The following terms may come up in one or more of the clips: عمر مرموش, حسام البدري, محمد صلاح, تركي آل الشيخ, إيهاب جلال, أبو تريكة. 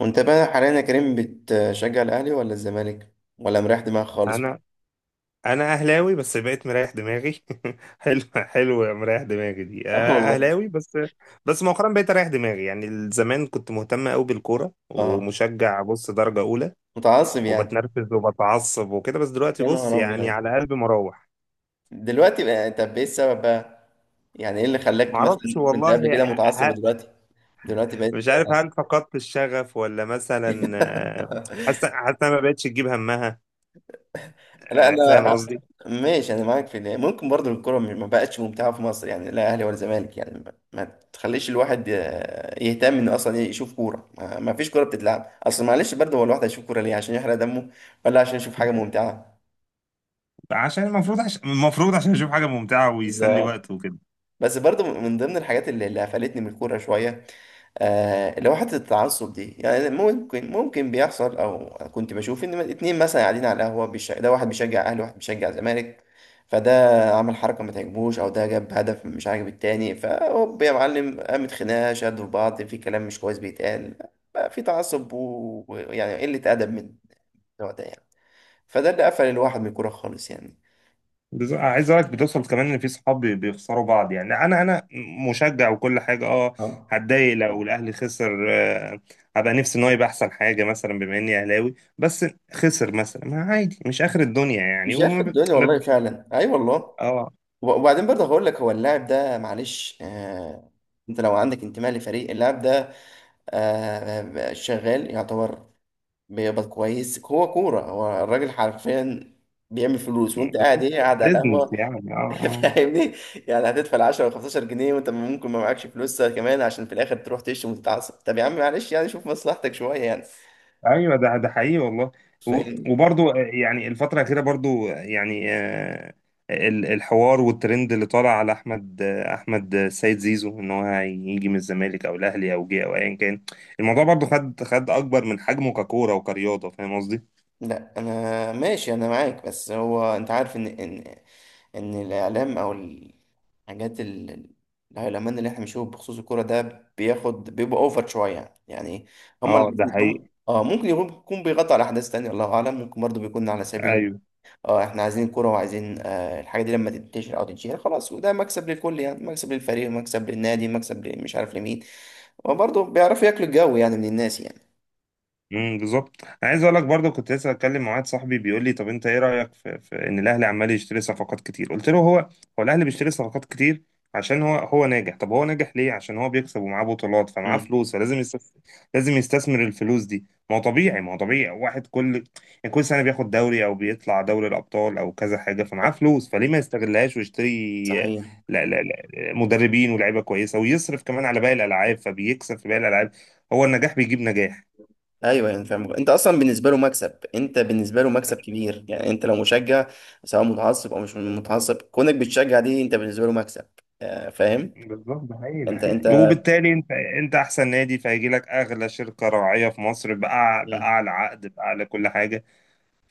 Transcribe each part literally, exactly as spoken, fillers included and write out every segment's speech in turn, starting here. وانت بقى حاليا يا كريم بتشجع الاهلي ولا الزمالك ولا مريح دماغك خالص؟ انا انا اهلاوي، بس بقيت مريح دماغي. حلو حلو، مريح دماغي دي، اه آه، والله. اهلاوي بس. بس مؤخرا بقيت اريح دماغي. يعني زمان كنت مهتم قوي بالكوره اه، ومشجع، بص، درجه اولى، متعصب يعني. وبتنرفز وبتعصب وكده. بس دلوقتي يا بص، نهار يعني ابيض، على قلبي مروح. دلوقتي بقى طب ايه السبب بقى؟ يعني ايه اللي خلاك معرفش مثلا كنت والله. قبل كده متعصب ه- ودلوقتي دلوقتي بقيت؟ مش عارف، هل فقدت الشغف ولا مثلا؟ آه. حاسه حاسه أنا ما بقتش تجيب همها. لا آه، فاهم انا قصدي. ماشي، انا معاك في ده. ممكن برضو الكرة ما بقتش ممتعة في مصر، يعني لا اهلي ولا زمالك، يعني ما ما تخليش الواحد آه، يهتم انه اصلا إيه، يشوف كورة. ما ما فيش كورة بتتلعب. اصل معلش برضو هو الواحد هيشوف كورة ليه؟ عشان يحرق دمه ولا عشان يشوف حاجة ممتعة؟ عشان المفروض عشان المفروض عشان اشوف حاجه ممتعه ويسلي بالظبط. وقته وكده. بس برضو من ضمن الحاجات اللي اللي قفلتني من الكورة شوية، آه، اللي هو حتة التعصب دي. يعني ممكن ممكن بيحصل، أو كنت بشوف إن اتنين مثلا قاعدين على القهوة بيش... ده واحد بيشجع أهلي وواحد بيشجع زمالك، فده عمل حركة ما تعجبوش أو ده جاب هدف مش عاجب التاني، فهوب يا معلم قامت خناقة، شدوا في بعض، في كلام مش كويس بيتقال، بقى في تعصب و- ويعني قلة أدب من النوع ده يعني. فده اللي قفل الواحد من الكورة خالص يعني. بز- عايز اقولك بتوصل كمان ان في صحاب بي- بيخسروا بعض. يعني انا انا مشجع وكل حاجه. اه، اه، هتضايق لو الاهلي خسر، آه. هبقى نفسي ان هو يبقى احسن حاجه، مثلا بما اني اهلاوي. بس خسر مثلا، ما عادي، مش اخر الدنيا يعني. مش عارف وما ب... الدنيا ما ب... والله فعلا، أي والله. اه. وبعدين برضه هقول لك، هو اللاعب ده معلش آه، انت لو عندك انتماء لفريق، اللاعب ده آه شغال يعتبر، بيقبض كويس. هو كورة، هو الراجل حرفيا بيعمل فلوس، وانت قاعد ايه؟ قاعد على بزنس القهوة. يعني، اه، آه. فاهمني يعني؟ هتدفع عشرة و خمستاشر جنيه وانت ممكن ما معكش فلوس كمان، عشان في الاخر تروح تشتم وتتعصب. طب يا عم معلش يعني، شوف مصلحتك شوية يعني. ايوه، ده ده حقيقي والله. و- فاهمني؟ وبرضو، آه، يعني الفتره الاخيره برضو، آه، يعني آه، ال- الحوار والترند اللي طالع على احمد، آه، احمد، آه، سيد زيزو، ان هو هيجي من الزمالك او الاهلي او جه او ايا كان. الموضوع برضو خد خد اكبر من حجمه ككوره وكرياضه. فاهم قصدي؟ لا انا ماشي، انا معاك. بس هو انت عارف ان ان ان الاعلام او الحاجات ال- ال- الهيلمان اللي احنا بنشوفه بخصوص الكوره ده بياخد بيبقى اوفر شويه يعني. هم اه، ده اللي هم حقيقي. اه ممكن يكون يكون بيغطي على احداث تانية، الله اعلم. ممكن برضه بيكون على سبيل، ايوه. اه احنا عايزين كوره وعايزين آه الحاجه دي لما تنتشر او تتشهر خلاص، وده مكسب للكل، يعني مكسب للفريق، مكسب للنادي، مكسب مش عارف لمين. وبرضه بيعرفوا ياكلوا الجو يعني من الناس يعني. امم بالظبط، انا عايز اقول لك برضه كنت لسه اتكلم مع واحد صاحبي بيقول لي طب انت ايه رايك في, في ان الاهلي عمال يشتري صفقات كتير. قلت له هو هو الاهلي بيشتري صفقات كتير عشان هو هو ناجح. طب هو ناجح ليه؟ عشان هو بيكسب ومعاه بطولات، فمعاه امم، فلوس، فلازم يستثمر. لازم يستثمر الفلوس دي. ما هو طبيعي، ما هو طبيعي واحد، كل يعني كل سنه بياخد دوري او بيطلع دوري الابطال او كذا حاجه، فمعاه فلوس، فليه ما يستغلهاش ويشتري؟ صحيح. لا، لا، لا. مدربين ولاعيبه كويسه، ويصرف كمان على باقي الالعاب، فبيكسب في باقي الالعاب. هو النجاح بيجيب نجاح. ايوه يعني فاهم، انت اصلا بالنسبه له مكسب، انت بالنسبه له مكسب كبير يعني. انت لو مشجع، سواء متعصب او مش متعصب، كونك بتشجع دي، انت بالنسبه له مكسب. آه، فاهم. بالظبط، ده حقيقي، ده انت حقيقي. انت وبالتالي انت انت احسن نادي، فهيجي لك اغلى شركه راعيه في مصر، بأع... مم. باعلى عقد، باعلى كل حاجه.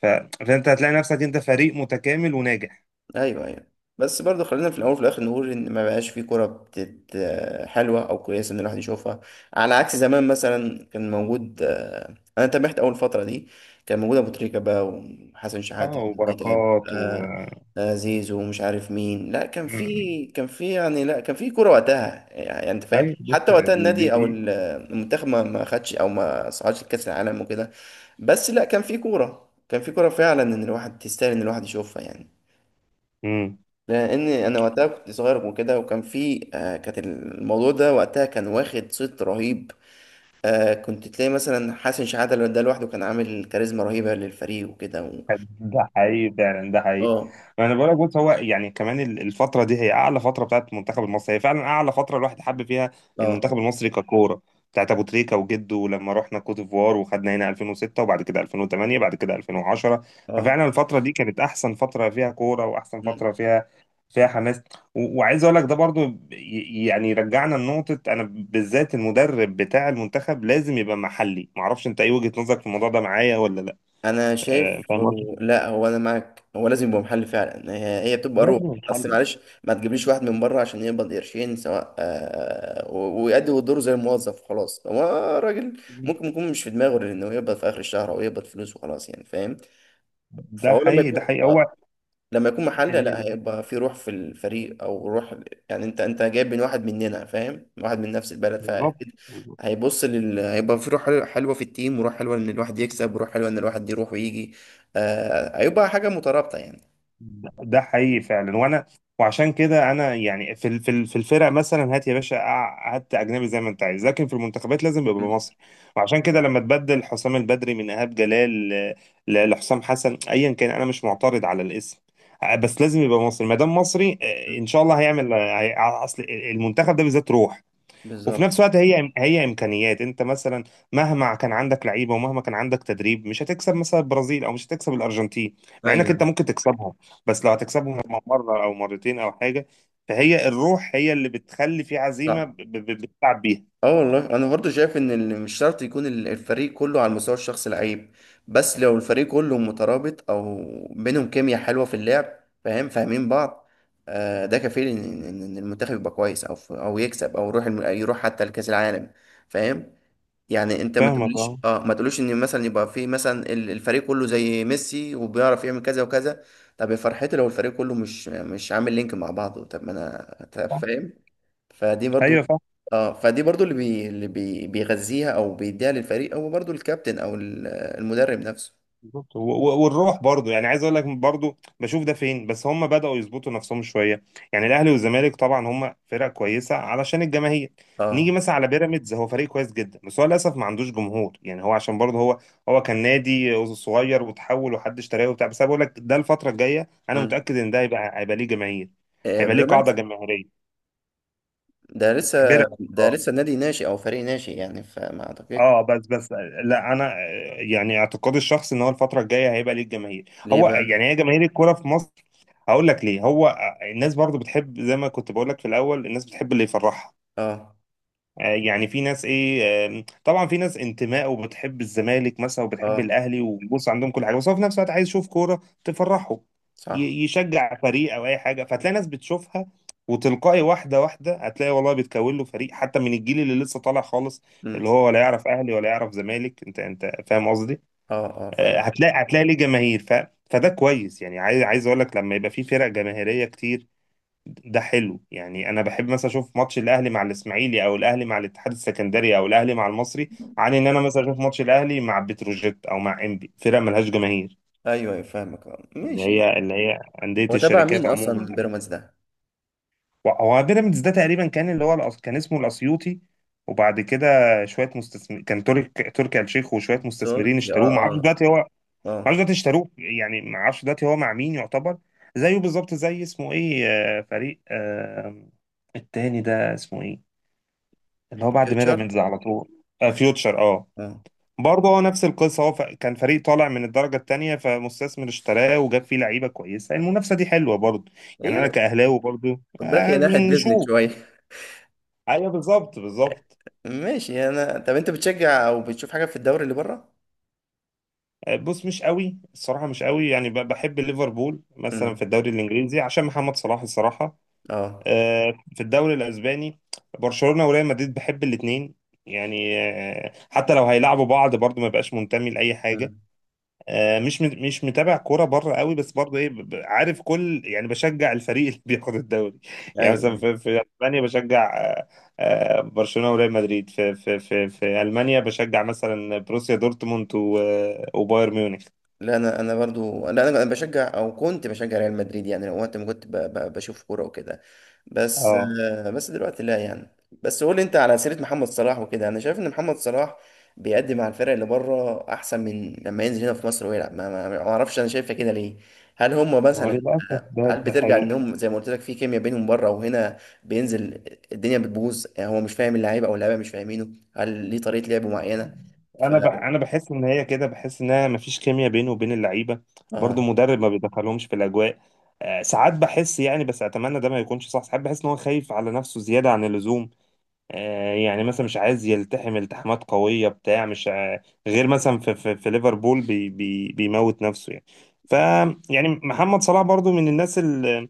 ف... فانت هتلاقي نفسك انت فريق متكامل وناجح. ايوه، ايوه. بس برضو خلينا في الاول وفي الاخر نقول ان ما بقاش في كوره بتت آه، حلوه او كويسه ان الواحد يشوفها. على عكس زمان مثلا، كان موجود آه، انا تابعت اول فتره دي، كان موجود ابو تريكه بقى وحسن شحاته، اه، متعب، وبركات و. آه، آه، زيزو ومش عارف مين. لا كان مم. في، كان في، يعني لا كان في كوره وقتها يعني، انت فاهم. ايوه، بص، حتى وقتها دي دي, النادي او دي. ال- المنتخب ما ما خدش او ما صعدش لكاس العالم وكده، بس لا كان في كوره، كان في كوره فعلا ان الواحد تستاهل ان الواحد يشوفها يعني. مم. لان انا وقتها كنت صغير وكده، وكان في آه، كانت الموضوع ده وقتها كان واخد صيت رهيب. آه، كنت تلاقي مثلا حسن شحاته لو ده لوحده كان عامل كاريزما رهيبه للفريق وكده و... ده حقيقي فعلا، ده حقيقي. اه. ما انا بقول لك، بص، هو يعني كمان ال- الفتره دي هي اعلى فتره بتاعت المنتخب المصري. هي فعلا اعلى فتره الواحد حب فيها اه. المنتخب المصري ككوره، بتاعت ابو تريكه وجده، ولما رحنا كوت ديفوار وخدنا هنا ألفين وستة، وبعد كده ألفين وتمانية، بعد كده ألفين وعشرة. اه. ففعلا الفتره دي كانت احسن فتره فيها كوره، واحسن مم. فتره فيها فيها حماس. و- وعايز اقول لك ده برضو، ي- يعني رجعنا لنقطه: انا بالذات المدرب بتاع المنتخب لازم يبقى محلي. معرفش انت ايه وجهه نظرك في الموضوع ده، معايا ولا لا؟ انا آه، شايف فاهم. و... لا، هو انا معاك، هو لازم يبقى محل فعلا، هي، هي بتبقى روح. لازم اصل الحل. معلش، ما تجيبليش واحد من بره عشان يقبض قرشين سواء آه و- ويأدي دوره زي الموظف وخلاص. هو راجل، ممكن يكون مش في دماغه غير انه يقبض في اخر الشهر او يقبض فلوس وخلاص يعني، فاهم؟ ده فهو لما حقيقي، يكون ده حقيقي. آه، هو لما يكون محلي، ال- لا ال- هيبقى في روح في الفريق او روح يعني. انت انت جايب من واحد مننا، فاهم، واحد من نفس البلد، بالظبط. فاكيد هيبص لل... هيبقى في روح حلوة، حلوة في التيم، وروح حلوة ان الواحد يكسب، وروح حلوة ان الواحد يروح ويجي. آه، هيبقى حاجة مترابطة يعني. ده ده حقيقي فعلا. وانا، وعشان كده انا يعني في ال- في ال- في الفرق مثلا هات يا باشا، أع- هات اجنبي زي ما انت عايز، لكن في المنتخبات لازم يبقى م- مصري. وعشان كده لما تبدل حسام البدري من ايهاب جلال ل- ل- لحسام حسن، ايا كان، انا مش معترض على الاسم. آه، بس لازم يبقى مصري، ما دام مصري م- آه، ان شاء الله هيعمل، آه، هي- اصل المنتخب ده بالذات روح. وفي بالظبط. نفس الوقت هي هي امكانيات. انت مثلا مهما كان عندك لعيبه ومهما كان عندك تدريب، مش هتكسب مثلا البرازيل، او مش هتكسب الارجنتين، مع انك انت ايوه. ممكن تكسبهم. بس لو هتكسبهم مره او مرتين او حاجه، فهي الروح هي اللي بتخلي في عزيمه صح. ب- ب- بتلعب بيها. اه والله، انا برضو شايف ان اللي مش شرط يكون ال- الفريق كله على المستوى الشخصي لعيب، بس لو الفريق كله مترابط او بينهم كيمياء حلوه في اللعب، فاهم، فاهمين بعض، آه، ده كفيل ان ان إن- إن المنتخب يبقى كويس او ف- او يكسب او يروح الم- يروح حتى لكاس العالم، فاهم يعني. انت ما فاهمك، تقوليش اه. اه، ما تقوليش ان مثلا يبقى في مثلا ال- الفريق كله زي ميسي وبيعرف يعمل كذا وكذا. طب يا فرحتي لو الفريق كله مش مش عامل لينك مع بعضه، طب ما انا طب فاهم. فدي برضو. ايوه، اه، فدي برضو اللي بي... اللي بي... بيغذيها او بيديها للفريق هو برضو الكابتن او ال- المدرب نفسه. بالظبط. و- و- والروح برضو يعني، عايز اقول لك برضو بشوف ده فين، بس هم بدأوا يظبطوا نفسهم شويه. يعني الاهلي والزمالك طبعا هم فرق كويسه علشان الجماهير. نيجي اه. مثلا على بيراميدز، هو فريق كويس جدا، بس هو للاسف ما عندوش جمهور. يعني هو عشان برضه هو هو كان نادي صغير وتحول وحد اشتراه وبتاع. بس انا بقول لك ده، الفتره الجايه انا مم. متاكد ان ده هيبقى هيبقى ليه جماهير. آه، هيبقى ليه قاعده بيراميدز. جماهيريه ده لسه، بيراميدز. ده اه، لسه نادي ناشئ او فريق ناشئ يعني، فما اعتقدش. اه، بس، بس. لا، انا، آه، يعني اعتقادي الشخصي ان هو الفتره الجايه هيبقى ليه جماهير. ليه هو بقى؟ يعني هي جماهير الكوره في مصر. هقول لك ليه. هو الناس برضو بتحب، زي ما كنت بقول لك في الاول، الناس بتحب اللي يفرحها. اه. آه، يعني في ناس ايه، آم، طبعا في ناس انتماء وبتحب الزمالك مثلا وبتحب اه. الاهلي وبص عندهم كل حاجه. بس هو في نفس الوقت عايز يشوف كوره تفرحه، صح. ي- يشجع فريق او اي حاجه. فتلاقي ناس بتشوفها، وتلقائي واحده واحده هتلاقي والله بيتكون له فريق، حتى من الجيل اللي لسه طالع خالص، اللي امم. هو ولا يعرف اهلي ولا يعرف زمالك. انت انت فاهم قصدي؟ اه، اه، آه، فاهم. هتلاقي هتلاقي ليه جماهير. ف فده كويس يعني. عايز عايز اقول لك، لما يبقى في فرق جماهيريه كتير، ده حلو يعني. انا بحب مثلا اشوف ماتش الاهلي مع الاسماعيلي، او الاهلي مع الاتحاد السكندري، او الاهلي مع المصري، عن ان انا مثلا اشوف ماتش الاهلي مع بتروجيت او مع انبي، فرق ملهاش جماهير، ايوه، ايوه، فاهمك. اه، اللي ماشي. هي اللي هي انديه هو تبع الشركات مين عموما. اصلا بيراميدز ده؟ هو بيراميدز ده تقريبا كان، اللي هو الأس- كان اسمه الاسيوطي. وبعد كده شويه مستثمر كان، ترك تركي آل الشيخ وشويه مستثمرين تركي، اه. اشتروه. ما اعرفش اه. دلوقتي هو، ما اعرفش اه، دلوقتي اشتروه يعني. ما اعرفش دلوقتي هو مع مين يعتبر. زيه بالظبط زي اسمه ايه، آه، فريق آه، التاني ده اسمه ايه، اللي هو بعد فيوتشر. بيراميدز على طول. آه، فيوتشر، اه. اه. برضه هو نفس القصه. هو ف- كان فريق طالع من الدرجه الثانيه، فمستثمر اشتراه وجاب فيه لعيبه كويسه. المنافسه دي حلوه برضه. يعني انا هي، كاهلاوي برضه، خد بالك آه، هي ناحية بيزنس نشوف. شوية. ايوه، بالظبط بالظبط. ماشي. انا طب انت بتشجع او بتشوف حاجه في الدوري اللي بره؟ آه، بص، مش قوي الصراحه. مش قوي يعني، ب- بحب ليفربول مثلا في امم. الدوري الانجليزي عشان محمد صلاح، الصراحه. اه. آه، في الدوري الاسباني برشلونه وريال مدريد، بحب الاثنين يعني. آه، حتى لو هيلعبوا بعض برضه ما بقاش منتمي لاي حاجه. مم. آه، مش مت- مش متابع كوره بره قوي. بس برضه ايه، ب- ب- عارف كل، يعني بشجع الفريق اللي بياخد الدوري. يعني ايوه، مثلا ايوه. في, في اسبانيا بشجع، آه، آه، برشلونه وريال مدريد. في في في في المانيا بشجع مثلا بروسيا دورتموند و- وبايرن ميونخ. لا انا، انا برضو، لا انا بشجع او كنت بشجع ريال مدريد يعني لو وقت ما كنت ب... ب... بشوف كوره وكده، بس اه، آه، بس دلوقتي لا يعني. بس قول لي، انت على سيره محمد صلاح وكده، انا شايف ان محمد صلاح بيقدم مع الفرق اللي بره احسن من لما ينزل هنا في مصر ويلعب. ما ما ما اعرفش، انا شايفها كده ليه. هل هم ما هو مثلا للاسف، آه، ده هل ده بترجع حقيقي. انهم زي ما قلت لك في كيمياء بينهم بره، وهنا بينزل الدنيا بتبوظ يعني، هو مش فاهم اللعيبه او اللعيبه مش فاهمينه؟ هل ليه طريقه لعب معينه؟ ف، انا بح انا بحس ان هي كده، بحس انها مفيش كيمياء بينه وبين اللعيبه. اه. برضو مدرب ما بيدخلهمش في الاجواء. آه، ساعات بحس يعني، بس اتمنى ده ما يكونش صح. ساعات بحس ان هو خايف على نفسه زياده عن اللزوم. آه، يعني مثلا مش عايز يلتحم التحامات قوية بتاع، مش ع- غير مثلا في في, في ليفربول بي بي بيموت نفسه يعني. ف يعني محمد صلاح برضو من الناس اللي،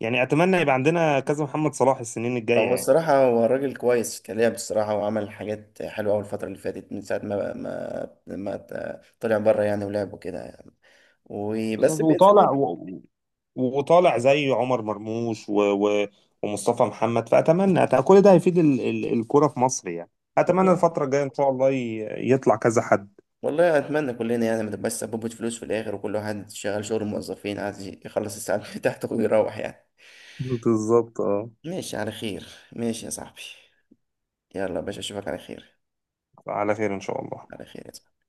يعني اتمنى يبقى عندنا كذا محمد صلاح السنين الجاية هو يعني. الصراحة هو الراجل كويس كلاعب الصراحة، وعمل حاجات حلوة أوي الفترة اللي فاتت من ساعة ما ما ما ت- طلع بره يعني ولعب وكده يعني. بالظبط. وبس بينزل وطالع و... برضه. و- وطالع زي عمر مرموش و و ومصطفى محمد. فاتمنى، أت- كل ده هيفيد ال- ال- الكرة في مصر يعني. اتمنى والله. الفترة الجاية ان شاء الله ي- يطلع كذا حد. والله أتمنى كلنا يعني ما تبقاش سببة فلوس في الآخر، وكل واحد شغال شغل الموظفين عايز يخلص الساعات بتاعته ويروح يعني. بالظبط، اه. ماشي على خير. ماشي يا صاحبي. يلا يا باشا، أشوفك على خير. على خير ان شاء الله. على خير يا صاحبي.